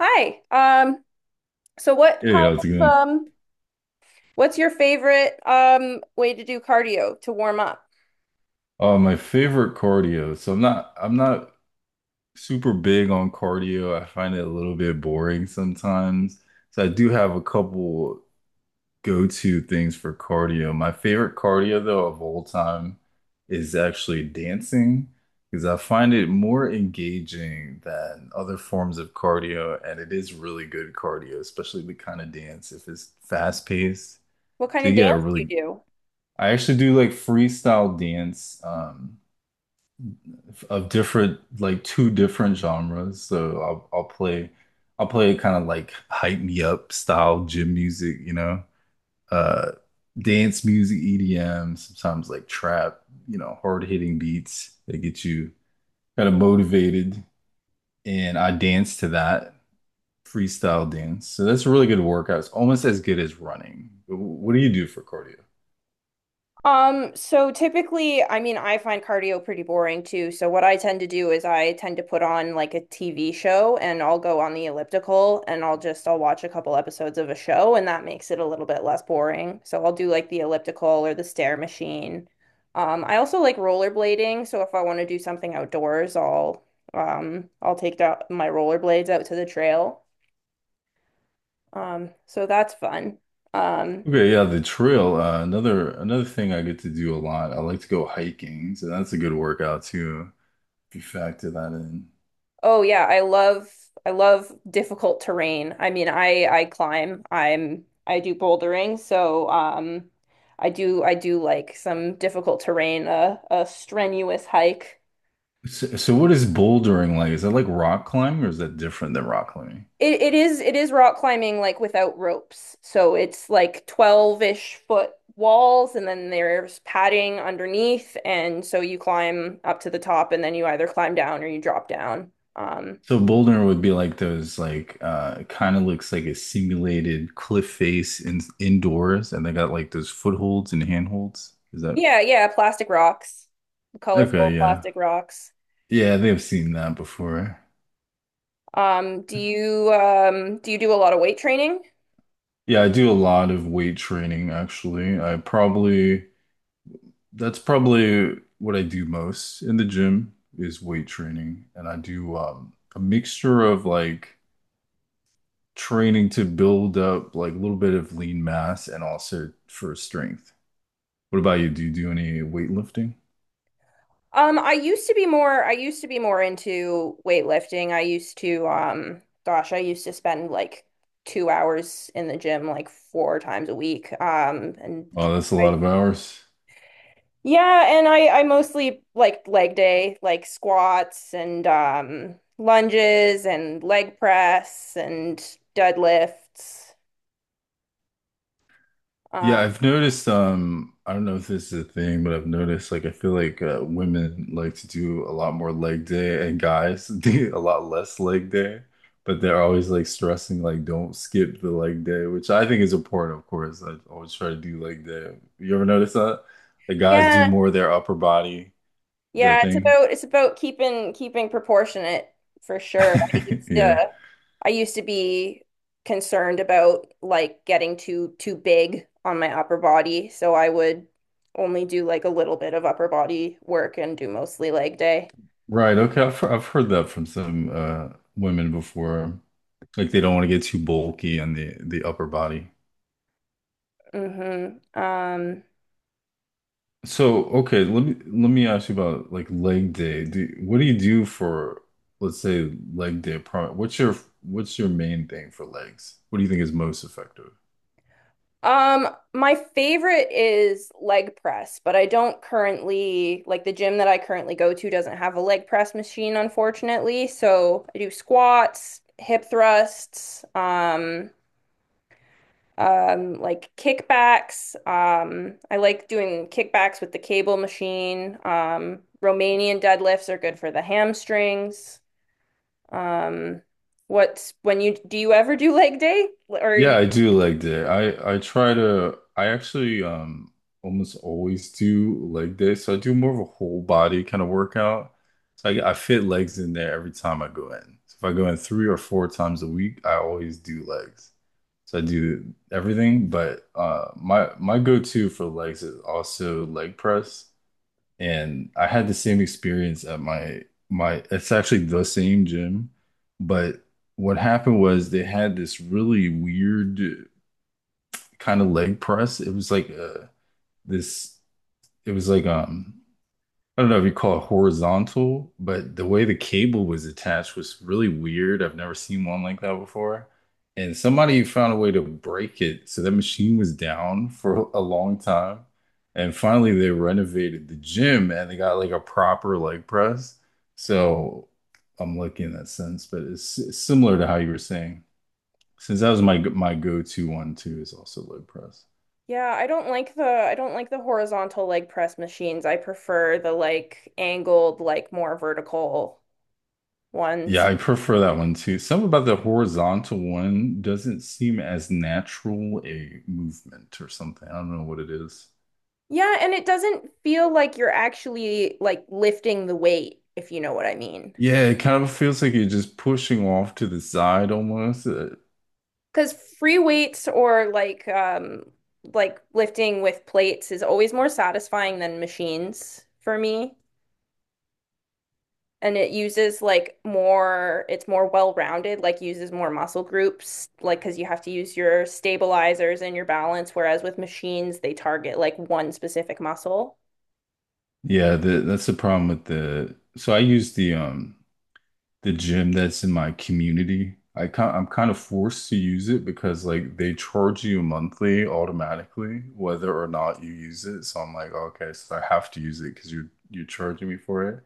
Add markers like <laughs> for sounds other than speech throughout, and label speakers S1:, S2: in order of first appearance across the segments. S1: Hi. So what
S2: Hey,
S1: kind
S2: how's it
S1: of
S2: going?
S1: what's your favorite way to do cardio to warm up?
S2: My favorite cardio. So I'm not super big on cardio. I find it a little bit boring sometimes. So I do have a couple go-to things for cardio. My favorite cardio though of all time is actually dancing because I find it more engaging than other forms of cardio, and it is really good cardio, especially the kind of dance if it's fast-paced.
S1: What kind
S2: So
S1: of
S2: you get a
S1: dance do
S2: really
S1: you do?
S2: I actually do like freestyle dance. Of different like two different genres. So I'll play I'll play kind of like hype me up style gym music, uh dance music, EDM, sometimes like trap, hard hitting beats that get you kind of motivated. And I dance to that freestyle dance. So that's a really good workout. It's almost as good as running. What do you do for cardio?
S1: So typically, I mean, I find cardio pretty boring too. So what I tend to do is I tend to put on like a TV show and I'll go on the elliptical and I'll just, I'll watch a couple episodes of a show, and that makes it a little bit less boring. So I'll do like the elliptical or the stair machine. I also like rollerblading, so if I want to do something outdoors, I'll take out my rollerblades out to the trail. So that's fun. Um,
S2: Okay, yeah, the trail. Another thing I get to do a lot. I like to go hiking, so that's a good workout too. You factor that in.
S1: Oh yeah, I love difficult terrain. I mean, I climb. I do bouldering, so I do like some difficult terrain, a strenuous hike.
S2: So, what is bouldering like? Is that like rock climbing or is that different than rock climbing?
S1: It is rock climbing like without ropes. So it's like 12-ish foot walls, and then there's padding underneath, and so you climb up to the top and then you either climb down or you drop down. Um
S2: So bouldering would be like those like kind of looks like a simulated cliff face in indoors and they got like those footholds and handholds. Is that
S1: yeah, yeah, plastic rocks.
S2: okay,
S1: Colorful
S2: yeah.
S1: plastic rocks.
S2: Yeah, I think I've seen that before.
S1: Do you do you do a lot of weight training?
S2: Yeah, I do a lot of weight training actually. I probably that's probably what I do most in the gym is weight training and I do a mixture of like training to build up like a little bit of lean mass and also for strength. What about you? Do you do any weightlifting?
S1: I used to be more I used to be more into weightlifting. I used to gosh, I used to spend like 2 hours in the gym like 4 times a week. And
S2: Oh, that's a lot
S1: I
S2: of hours.
S1: yeah, and I mostly like leg day, like squats and lunges and leg press and deadlifts. Uh,
S2: Yeah, I've noticed, I don't know if this is a thing, but I've noticed like I feel like women like to do a lot more leg day and guys <laughs> do a lot less leg day, but they're always like stressing like don't skip the leg day, which I think is important, of course. I always try to do leg day. You ever notice that? The guys do
S1: yeah,
S2: more of their upper body. Is that a
S1: Yeah, it's
S2: thing?
S1: about it's about keeping proportionate for sure. I
S2: <laughs>
S1: used
S2: Yeah.
S1: to I used to be concerned about like getting too big on my upper body, so I would only do like a little bit of upper body work and do mostly leg day.
S2: Right. Okay. I've heard that from some women before. Like they don't want to get too bulky on the upper body.
S1: Mm-hmm.
S2: So, okay, let me ask you about like leg day. What do you do for, let's say, leg day? What's your main thing for legs? What do you think is most effective?
S1: Um, my favorite is leg press, but I don't currently like the gym that I currently go to doesn't have a leg press machine, unfortunately. So I do squats, hip thrusts, like kickbacks. I like doing kickbacks with the cable machine. Romanian deadlifts are good for the hamstrings. Um, what's when you do you ever do leg day or are
S2: Yeah,
S1: you?
S2: I do leg day. I try to I actually almost always do leg day. So I do more of a whole body kind of workout. So I fit legs in there every time I go in. So if I go in three or four times a week, I always do legs. So I do everything, but my go-to for legs is also leg press. And I had the same experience at my my it's actually the same gym, but what happened was they had this really weird kind of leg press. It was like this. It was like I don't know if you call it horizontal, but the way the cable was attached was really weird. I've never seen one like that before. And somebody found a way to break it, so that machine was down for a long time. And finally, they renovated the gym and they got like a proper leg press. So I'm lucky in that sense, but it's similar to how you were saying. Since that was my go-to one too, is also leg press.
S1: Yeah, I don't like the horizontal leg press machines. I prefer the like angled, like more vertical
S2: Yeah,
S1: ones.
S2: I prefer that one too. Something about the horizontal one doesn't seem as natural a movement or something. I don't know what it is.
S1: Yeah, and it doesn't feel like you're actually like lifting the weight, if you know what I mean.
S2: Yeah, it kind of feels like you're just pushing off to the side almost.
S1: Because free weights or like lifting with plates is always more satisfying than machines for me. And it uses like more, it's more well-rounded, like uses more muscle groups, like because you have to use your stabilizers and your balance, whereas with machines, they target like one specific muscle.
S2: Yeah, that's the problem with the. So I use the gym that's in my community. I'm kind of forced to use it because like they charge you monthly automatically whether or not you use it. So I'm like, "Oh, okay, so I have to use it because you're charging me for it.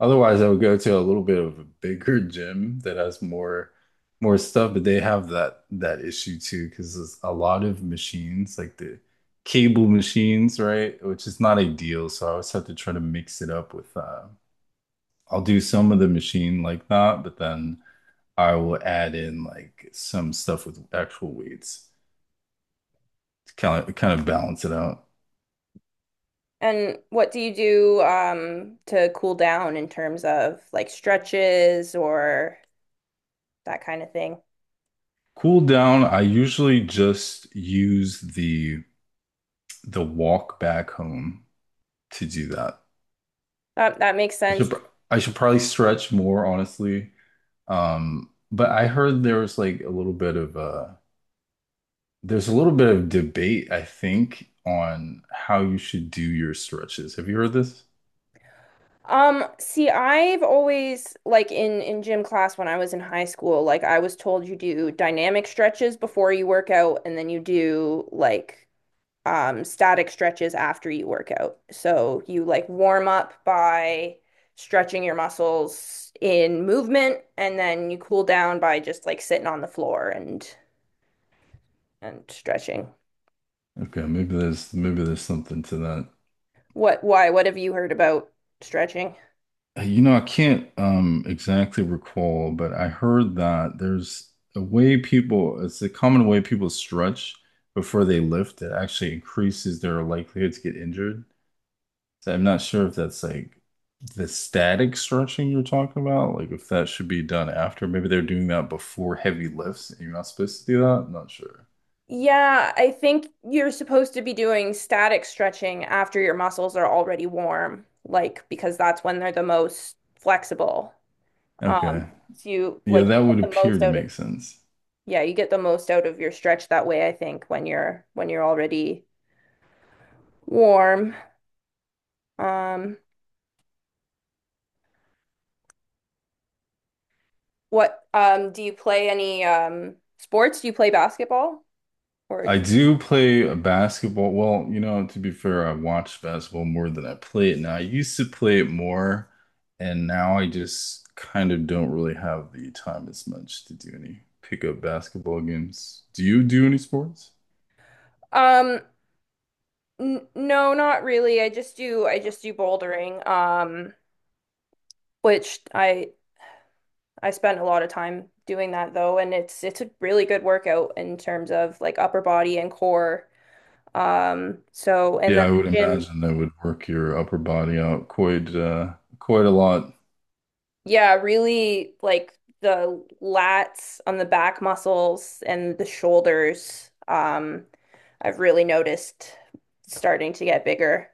S2: Otherwise, I would go to a little bit of a bigger gym that has more more stuff, but they have that issue too because there's a lot of machines, like the cable machines, right? Which is not ideal. So I always have to try to mix it up with I'll do some of the machine like that, but then I will add in like some stuff with actual weights to kind of balance it out.
S1: And what do you do to cool down in terms of like stretches or that kind of thing?
S2: Cool down, I usually just use the walk back home to do that.
S1: That that makes
S2: I should
S1: sense.
S2: pr- I should probably stretch more, honestly. But I heard there was like a little bit of there's a little bit of debate, I think, on how you should do your stretches. Have you heard this?
S1: See, I've always like in gym class when I was in high school, like I was told you do dynamic stretches before you work out and then you do like static stretches after you work out. So you like warm up by stretching your muscles in movement, and then you cool down by just like sitting on the floor and stretching.
S2: Okay, maybe there's something to that.
S1: What, why, what have you heard about stretching?
S2: You know, I can't exactly recall, but I heard that there's a way it's a common way people stretch before they lift that actually increases their likelihood to get injured. So I'm not sure if that's like the static stretching you're talking about, like if that should be done after. Maybe they're doing that before heavy lifts and you're not supposed to do that. I'm not sure.
S1: Yeah, I think you're supposed to be doing static stretching after your muscles are already warm, like because that's when they're the most flexible. Um,
S2: Okay.
S1: so you
S2: Yeah,
S1: like
S2: that
S1: get
S2: would
S1: the
S2: appear
S1: most
S2: to
S1: out of
S2: make sense.
S1: yeah, you get the most out of your stretch that way, I think, when you're already warm. Um, what do you play any sports? Do you play basketball or
S2: I do play a basketball. Well, you know, to be fair, I watch basketball more than I play it now. I used to play it more, and now I just kind of don't really have the time as much to do any pickup basketball games. Do you do any sports?
S1: um n no, not really. I just do bouldering. Which I spend a lot of time doing that though, and it's a really good workout in terms of like upper body and core. So and
S2: Yeah,
S1: then
S2: I would
S1: my gym.
S2: imagine that would work your upper body out quite quite a lot.
S1: Yeah, really like the lats on the back muscles and the shoulders. I've really noticed starting to get bigger.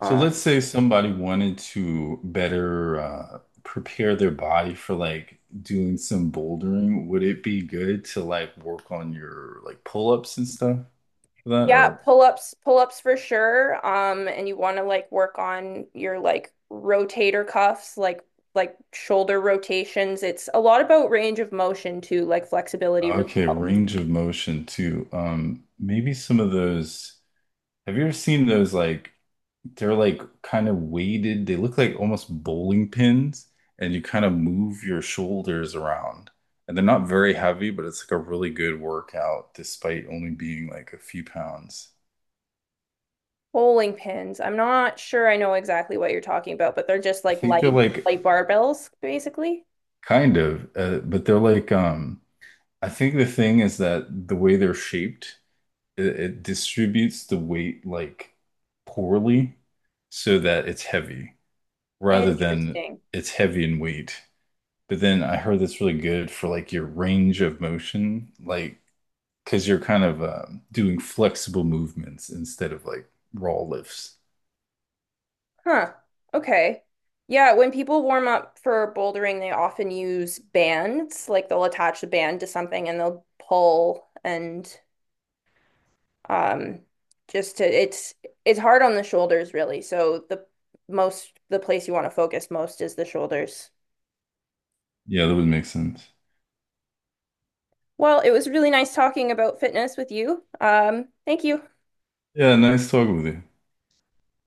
S2: So
S1: Um,
S2: let's say somebody wanted to better prepare their body for like doing some bouldering. Would it be good to like work on your like pull-ups and stuff for that?
S1: yeah,
S2: Or
S1: pull-ups, pull-ups for sure. And you want to like work on your like rotator cuffs, like shoulder rotations. It's a lot about range of motion too, like flexibility really
S2: okay,
S1: helps.
S2: range of motion too. Maybe some of those. Have you ever seen those like? They're like kind of weighted. They look like almost bowling pins, and you kind of move your shoulders around. And they're not very heavy, but it's like a really good workout despite only being like a few pounds.
S1: Bowling pins. I'm not sure I know exactly what you're talking about, but they're just
S2: I
S1: like
S2: think they're
S1: light,
S2: like
S1: light barbells, basically.
S2: but they're like I think the thing is that the way they're shaped, it distributes the weight like poorly so that it's heavy rather than
S1: Interesting.
S2: it's heavy in weight. But then I heard that's really good for like your range of motion, like because you're kind of doing flexible movements instead of like raw lifts.
S1: Huh. Okay. Yeah, when people warm up for bouldering, they often use bands. Like they'll attach the band to something and they'll pull and um just to it's hard on the shoulders really. So the most the place you want to focus most is the shoulders.
S2: Yeah, that would make sense.
S1: Well, it was really nice talking about fitness with you. Thank you.
S2: Yeah, nice talking with you.